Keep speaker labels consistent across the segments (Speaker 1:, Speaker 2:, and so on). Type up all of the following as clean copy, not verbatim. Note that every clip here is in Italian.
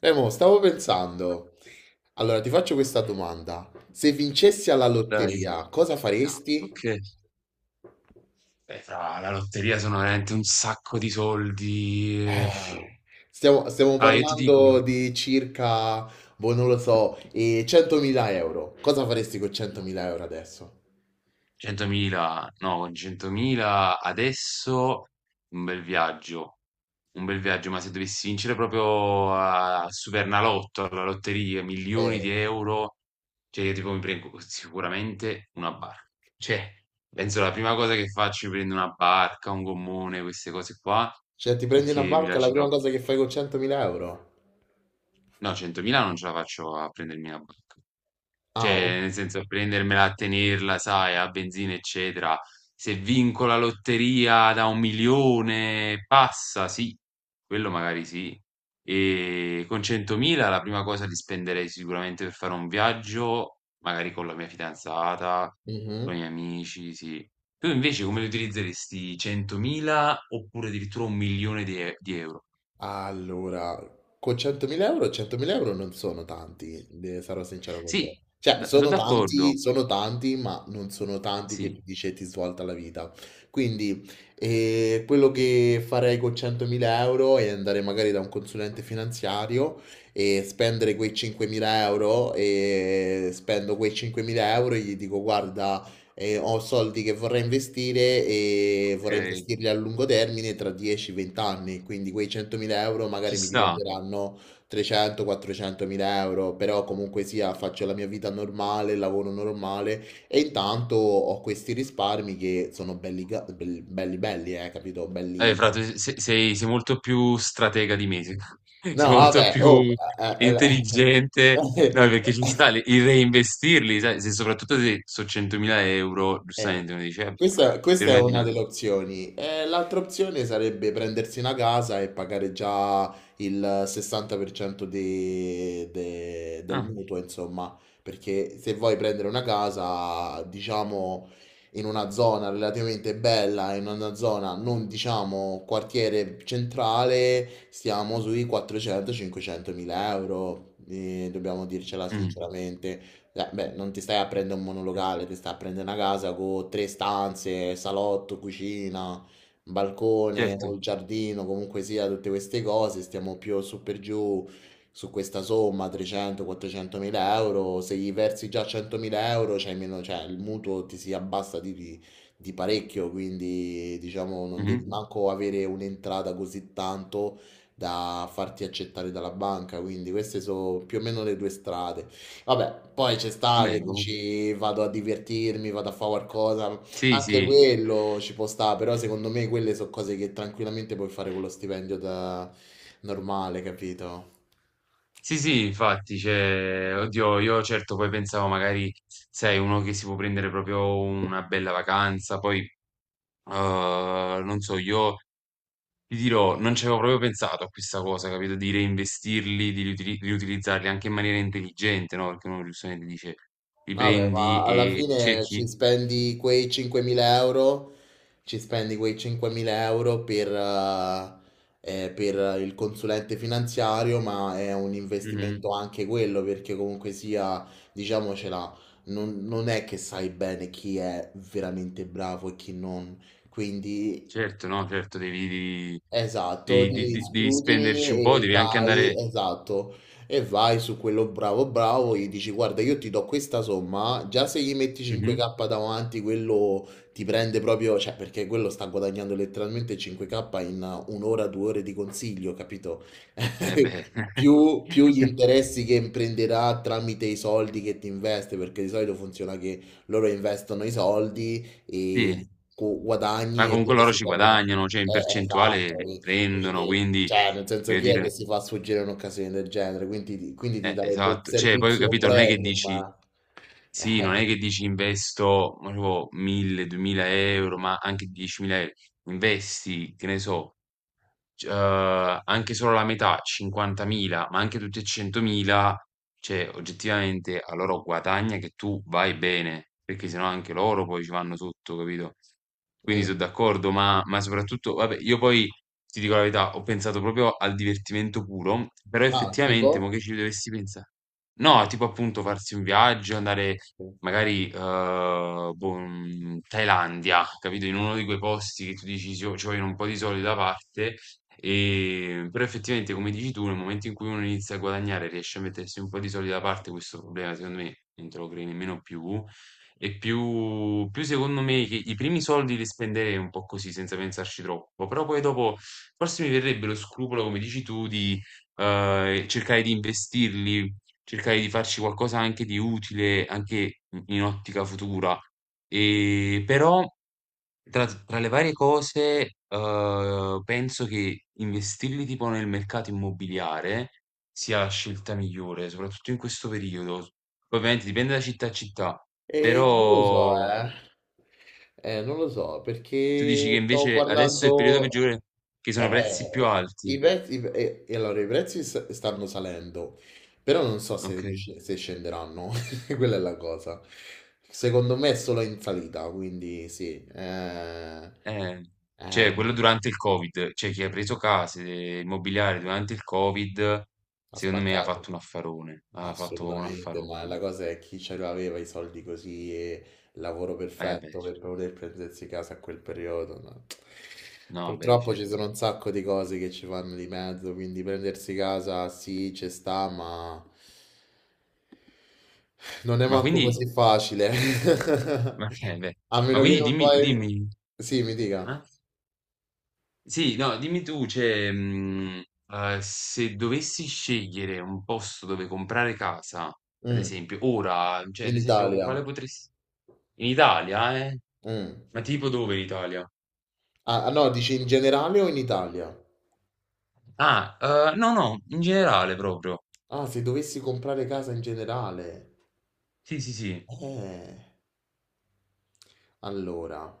Speaker 1: Mo, stavo pensando. Allora, ti faccio questa domanda. Se vincessi alla
Speaker 2: Dai,
Speaker 1: lotteria, cosa faresti?
Speaker 2: ok. Beh, fra la lotteria sono veramente un sacco di soldi. eh, f-
Speaker 1: Eh, stiamo
Speaker 2: Allora, io ti dico,
Speaker 1: parlando di circa, boh, non lo so, 100.000 euro. Cosa faresti con 100.000 euro adesso?
Speaker 2: 100.000, no, con 100.000 adesso un bel viaggio, un bel viaggio, ma se dovessi vincere proprio a al Supernalotto, alla lotteria, milioni di
Speaker 1: Eh,
Speaker 2: euro, cioè io tipo mi prendo sicuramente una barca. Cioè, penso la prima cosa che faccio è prendere una barca, un gommone, queste cose qua,
Speaker 1: cioè, ti prendi
Speaker 2: perché
Speaker 1: una
Speaker 2: mi
Speaker 1: banca, la
Speaker 2: piace
Speaker 1: prima
Speaker 2: troppo.
Speaker 1: cosa che fai con 100.000 euro?
Speaker 2: No, 100.000 non ce la faccio a prendermi la banca.
Speaker 1: Ah,
Speaker 2: Cioè,
Speaker 1: oh,
Speaker 2: nel senso, prendermela, a tenerla, sai, a benzina, eccetera. Se vinco la lotteria da 1 milione, passa, sì, quello magari sì. E con 100.000 la prima cosa li spenderei sicuramente per fare un viaggio, magari con la mia fidanzata, con
Speaker 1: mhm.
Speaker 2: i miei amici, sì. Tu invece come li utilizzeresti 100.000 oppure addirittura 1 milione di, di euro?
Speaker 1: Allora, con 100.000 euro, 100.000 euro non sono tanti, sarò sincero con
Speaker 2: Sì,
Speaker 1: te. Cioè,
Speaker 2: sono d'accordo,
Speaker 1: sono tanti, ma non sono tanti che
Speaker 2: sì.
Speaker 1: ti dice ti svolta la vita. Quindi, quello che farei con 100.000 euro è andare magari da un consulente finanziario e spendere quei 5.000 euro e spendo quei 5.000 euro e gli dico, guarda, e ho soldi che vorrei investire e vorrei
Speaker 2: Okay,
Speaker 1: investirli a lungo termine tra 10-20 anni, quindi quei 100.000 euro
Speaker 2: ci
Speaker 1: magari mi
Speaker 2: sta.
Speaker 1: diventeranno 300-400.000 euro, però comunque sia faccio la mia vita normale, lavoro normale e intanto ho questi risparmi che sono belli belli, belli, capito?
Speaker 2: Fra
Speaker 1: Belli.
Speaker 2: tu se sei molto più stratega di me, se
Speaker 1: No,
Speaker 2: sei molto
Speaker 1: vabbè, oh,
Speaker 2: più
Speaker 1: eh, eh,
Speaker 2: intelligente. No, perché ci
Speaker 1: eh.
Speaker 2: sta le il reinvestirli, sai, se soprattutto se so' 100.000 €,
Speaker 1: Eh,
Speaker 2: giustamente uno dice: "Vabbè, ma
Speaker 1: questa è
Speaker 2: prima di
Speaker 1: una
Speaker 2: no".
Speaker 1: delle opzioni. L'altra opzione sarebbe prendersi una casa e pagare già il 60% del
Speaker 2: Ah,
Speaker 1: mutuo, insomma, perché se vuoi prendere una casa, diciamo, in una zona relativamente bella, in una zona non, diciamo, quartiere centrale, stiamo sui 400-500 mila euro, dobbiamo dircela
Speaker 2: mh,
Speaker 1: sinceramente. Beh, non ti stai a prendere un
Speaker 2: certo,
Speaker 1: monolocale, ti stai a prendere una casa con tre stanze, salotto, cucina, balcone o
Speaker 2: certo.
Speaker 1: il giardino, comunque sia, tutte queste cose. Stiamo più su per giù su questa somma 300-400 mila euro. Se gli versi già 100 mila euro, c'hai meno, cioè il mutuo ti si abbassa di parecchio. Quindi, diciamo, non devi
Speaker 2: Mh-mh.
Speaker 1: manco avere un'entrata così tanto da farti accettare dalla banca. Quindi, queste sono più o meno le due strade. Vabbè, poi ci sta che
Speaker 2: Vabbè comunque
Speaker 1: dici vado a divertirmi, vado a fare qualcosa,
Speaker 2: sì,
Speaker 1: anche
Speaker 2: sì.
Speaker 1: quello ci può stare, però secondo me quelle sono cose che tranquillamente puoi fare con lo stipendio da normale, capito?
Speaker 2: Sì, sì, infatti, cioè, oddio, io certo poi pensavo magari, sai, uno che si può prendere proprio una bella vacanza, poi, non so, io ti dirò, non ci avevo proprio pensato a questa cosa, capito? Di reinvestirli, di riutilizzarli anche in maniera intelligente, no? Perché uno giustamente dice, li
Speaker 1: Vabbè,
Speaker 2: prendi
Speaker 1: ma alla
Speaker 2: e
Speaker 1: fine
Speaker 2: cerchi.
Speaker 1: ci spendi quei 5.000 euro, ci spendi quei 5.000 euro per il consulente finanziario, ma è un
Speaker 2: Mhm.
Speaker 1: investimento anche quello, perché comunque sia, diciamocela, non è che sai bene chi è veramente bravo e chi non. Quindi.
Speaker 2: Certo, no, certo,
Speaker 1: Esatto, di
Speaker 2: esatto, devi
Speaker 1: scrutini
Speaker 2: spenderci un po',
Speaker 1: e
Speaker 2: devi anche
Speaker 1: vai,
Speaker 2: andare.
Speaker 1: esatto, e vai su quello bravo bravo, gli dici guarda io ti do questa somma, già se gli metti
Speaker 2: Mhm.
Speaker 1: 5k davanti quello ti prende proprio, cioè perché quello sta guadagnando letteralmente 5k in un'ora, due ore di consiglio, capito?
Speaker 2: Eh beh,
Speaker 1: Più gli interessi che imprenderà tramite i soldi che ti investe, perché di solito funziona che loro investono i soldi e
Speaker 2: sì,
Speaker 1: tu
Speaker 2: ma
Speaker 1: guadagni e
Speaker 2: comunque
Speaker 1: loro
Speaker 2: loro
Speaker 1: si
Speaker 2: ci
Speaker 1: prendono...
Speaker 2: guadagnano, cioè in
Speaker 1: Esatto,
Speaker 2: percentuale prendono,
Speaker 1: quindi
Speaker 2: quindi,
Speaker 1: cioè, nel senso
Speaker 2: voglio
Speaker 1: chi è che
Speaker 2: dire,
Speaker 1: si fa sfuggire un'occasione del genere? Quindi, quindi ti darebbe il
Speaker 2: esatto, cioè poi
Speaker 1: servizio
Speaker 2: capito, non è che
Speaker 1: premium.
Speaker 2: dici.
Speaker 1: Eh,
Speaker 2: Sì, non è che dici investo, ma tipo 1000, 2000 euro, ma anche 10.000 euro. Investi, che ne so, c anche solo la metà, 50.000, ma anche tutti e 100.000, cioè oggettivamente a loro guadagna che tu vai bene, perché sennò anche loro poi ci vanno sotto, capito? Quindi
Speaker 1: mm.
Speaker 2: so' d'accordo, ma soprattutto vabbè, io poi ti dico la verità, ho pensato proprio al divertimento puro, però
Speaker 1: Ah,
Speaker 2: effettivamente mo'
Speaker 1: tipo?
Speaker 2: che ci dovessi pensa, no, tipo appunto farsi un viaggio, andare magari, boh, Thailandia, capito? In uno di quei posti che tu dici: "Ci vo ci vogliono un po' di soldi da parte". Però effettivamente come dici tu, nel momento in cui uno inizia a guadagnare, riesce a mettersi un po' di soldi da parte, questo problema secondo me non te lo crei nemmeno più. E più secondo me che i primi soldi li spenderei un po' così, senza pensarci troppo, però poi dopo forse mi verrebbe lo scrupolo, come dici tu, di cercare di investirli, cercare di farci qualcosa anche di utile, anche in ottica futura. E però tra le varie cose, penso che investirli tipo nel mercato immobiliare sia la scelta migliore, soprattutto in questo periodo. Poi ovviamente dipende da città a città,
Speaker 1: E non lo so,
Speaker 2: però
Speaker 1: eh. Non lo so,
Speaker 2: tu
Speaker 1: perché
Speaker 2: dici che
Speaker 1: stavo
Speaker 2: invece adesso è il periodo
Speaker 1: guardando...
Speaker 2: peggiore, che sono prezzi più
Speaker 1: Eh,
Speaker 2: alti.
Speaker 1: i prezzi... e allora, i prezzi stanno salendo, però non so se,
Speaker 2: Okay.
Speaker 1: se scenderanno. Quella è la cosa. Secondo me è solo in salita, quindi sì.
Speaker 2: Eh,
Speaker 1: Eh,
Speaker 2: cioè quello durante il Covid, cioè chi ha preso case immobiliari durante il Covid,
Speaker 1: Ha
Speaker 2: secondo me ha
Speaker 1: spaccato.
Speaker 2: fatto un affarone, ha fatto un
Speaker 1: Assolutamente, ma la
Speaker 2: affarone.
Speaker 1: cosa è chi ce l'aveva i soldi così e il lavoro
Speaker 2: Eh beh,
Speaker 1: perfetto per
Speaker 2: cer,
Speaker 1: poter prendersi casa a quel periodo, no.
Speaker 2: no, beh
Speaker 1: Purtroppo ci sono
Speaker 2: certo.
Speaker 1: un sacco di cose che ci fanno di mezzo, quindi prendersi casa sì, ci sta, ma non è
Speaker 2: Ma
Speaker 1: manco così
Speaker 2: quindi,
Speaker 1: facile.
Speaker 2: ma, beh,
Speaker 1: A
Speaker 2: ma
Speaker 1: meno che
Speaker 2: quindi
Speaker 1: non
Speaker 2: dimmi,
Speaker 1: fai...
Speaker 2: dimmi,
Speaker 1: Sì, mi
Speaker 2: eh?
Speaker 1: dica.
Speaker 2: Sì, no, dimmi tu, cioè, se dovessi scegliere un posto dove comprare casa, ad
Speaker 1: Mm.
Speaker 2: esempio, ora, cioè,
Speaker 1: In
Speaker 2: ad esempio, con
Speaker 1: Italia.
Speaker 2: quale potresti. In Italia, eh?
Speaker 1: Mm.
Speaker 2: Ma tipo dove in Italia?
Speaker 1: Ah, ah, no, dici in generale o in Italia?
Speaker 2: Ah, no, no, in generale proprio.
Speaker 1: Ah, se dovessi comprare casa in generale.
Speaker 2: Sì, sì, sì.
Speaker 1: Eh. Allora,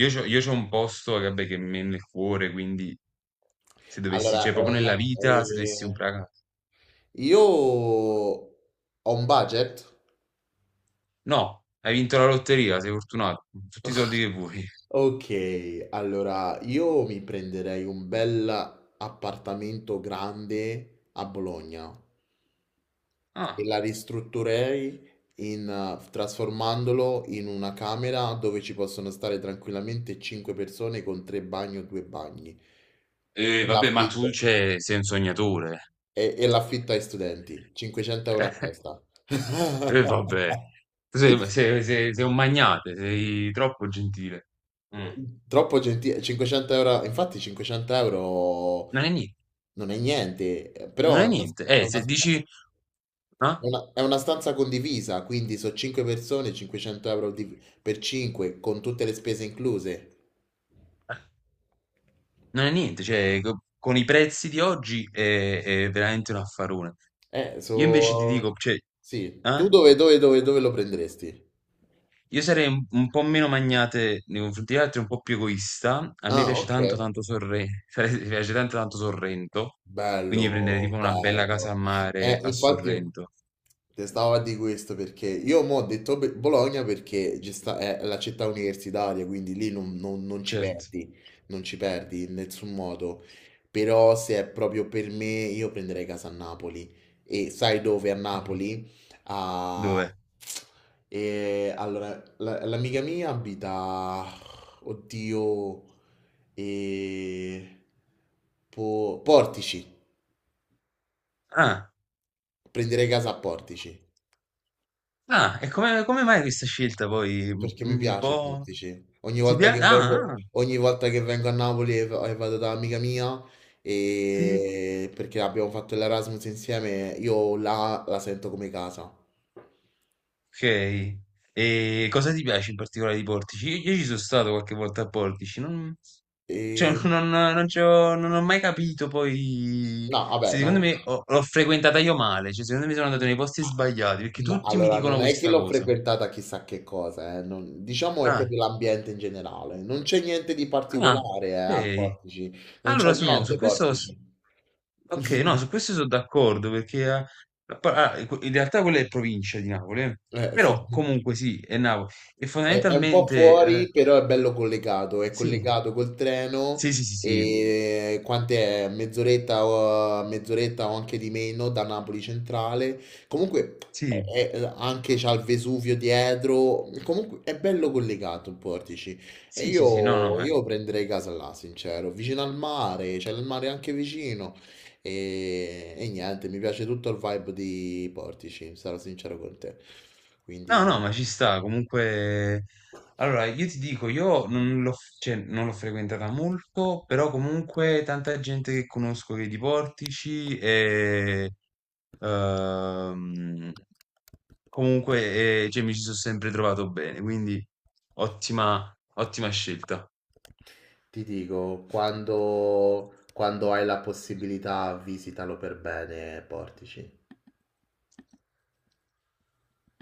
Speaker 2: Io c'ho un posto, vabbè, che mi è nel cuore, quindi se dovessi, cioè,
Speaker 1: allora
Speaker 2: proprio nella vita, se dovessi comprare casa.
Speaker 1: io ho un budget.
Speaker 2: No, hai vinto la lotteria, sei fortunato. Tutti i soldi che vuoi.
Speaker 1: Ok, allora io mi prenderei un bel appartamento grande a Bologna e
Speaker 2: Ah,
Speaker 1: la ristrutturerei in, trasformandolo in una camera dove ci possono stare tranquillamente 5 persone con tre bagni o due bagni.
Speaker 2: e vabbè, ma tu
Speaker 1: L'affitto.
Speaker 2: c'è, sei un sognatore.
Speaker 1: E l'affitto ai studenti, 500 € a testa.
Speaker 2: E vabbè, tu sei un magnate, sei troppo gentile. Mm.
Speaker 1: Troppo gentile, 500 euro, infatti 500 euro
Speaker 2: Non è niente,
Speaker 1: non è niente,
Speaker 2: non
Speaker 1: però
Speaker 2: è niente.
Speaker 1: è
Speaker 2: Se
Speaker 1: una-
Speaker 2: dici, ah,
Speaker 1: è una stanza condivisa, quindi sono 5 persone, 500 euro per 5, con tutte le spese incluse.
Speaker 2: non è niente, cioè, con i prezzi di oggi è veramente un affarone.
Speaker 1: Eh,
Speaker 2: Io invece ti
Speaker 1: so...
Speaker 2: dico, cioè,
Speaker 1: Sì, tu
Speaker 2: eh?
Speaker 1: dove lo prenderesti?
Speaker 2: Io sarei un po' meno magnate nei confronti degli altri, un po' più egoista. A me
Speaker 1: Ah,
Speaker 2: piace
Speaker 1: ok.
Speaker 2: tanto tanto Sorrento, mi piace tanto tanto Sorrento, quindi prendere
Speaker 1: Bello,
Speaker 2: tipo una bella casa
Speaker 1: bello.
Speaker 2: a mare a
Speaker 1: Infatti...
Speaker 2: Sorrento.
Speaker 1: Te stavo a di questo perché io mo ho detto Bologna perché è la città universitaria, quindi lì non ci
Speaker 2: Certo.
Speaker 1: perdi, non ci perdi in nessun modo. Però se è proprio per me, io prenderei casa a Napoli. E sai dove a Napoli? A...
Speaker 2: Dove?
Speaker 1: E, allora, l'amica mia abita... Oddio... E... Portici.
Speaker 2: Ah,
Speaker 1: Prenderei casa a Portici.
Speaker 2: ah, e come, come mai questa scelta poi?
Speaker 1: Perché mi
Speaker 2: Un
Speaker 1: piace
Speaker 2: po'.
Speaker 1: Portici.
Speaker 2: Ti piace? Ah, ah,
Speaker 1: Ogni volta che vengo a Napoli e e vado da amica mia,
Speaker 2: sì.
Speaker 1: e perché abbiamo fatto l'Erasmus insieme, io là la sento come casa.
Speaker 2: Ok. E cosa ti piace in particolare di Portici? Io ci sono stato qualche volta a Portici, non, cioè,
Speaker 1: E...
Speaker 2: non, non ci ho non ho mai capito poi
Speaker 1: No, vabbè,
Speaker 2: se
Speaker 1: no.
Speaker 2: secondo me l'ho frequentata io male, cioè secondo me sono andato nei posti
Speaker 1: Ah,
Speaker 2: sbagliati perché
Speaker 1: no,
Speaker 2: tutti mi
Speaker 1: allora
Speaker 2: dicono
Speaker 1: non è che
Speaker 2: questa
Speaker 1: l'ho
Speaker 2: cosa.
Speaker 1: frequentata chissà che cosa, diciamo è
Speaker 2: Ah,
Speaker 1: proprio l'ambiente in generale. Non c'è niente di
Speaker 2: ah,
Speaker 1: particolare, al
Speaker 2: ok.
Speaker 1: Portici. Non c'è
Speaker 2: Allora, su, no, su
Speaker 1: niente
Speaker 2: questo,
Speaker 1: Portici.
Speaker 2: ok, no, su questo sono d'accordo perché ah, in realtà quella è provincia di Napoli, eh.
Speaker 1: Sì.
Speaker 2: Però comunque sì, è Napoli e
Speaker 1: È un po'
Speaker 2: fondamentalmente
Speaker 1: fuori, però è bello collegato, è
Speaker 2: sì.
Speaker 1: collegato col treno
Speaker 2: Sì, sì, sì, sì.
Speaker 1: e quant'è? Mezz'oretta o anche di meno da Napoli Centrale. Comunque
Speaker 2: Sì.
Speaker 1: anche c'ha il Vesuvio dietro, comunque è bello collegato il Portici. E
Speaker 2: Sì, sì, sì,
Speaker 1: io, io prenderei casa là, sincero, vicino al mare, c'è il mare anche vicino. E niente, mi piace tutto il vibe di Portici, sarò sincero con te.
Speaker 2: no, no, ma
Speaker 1: Quindi...
Speaker 2: ci sta, comunque allora io ti dico, io non cioè, non l'ho frequentata molto, però comunque tanta gente che conosco che di Portici e ehm, comunque cioè, mi ci sono sempre trovato bene, quindi ottima, ottima scelta.
Speaker 1: Ti dico, quando hai la possibilità, visitalo per bene e Portici.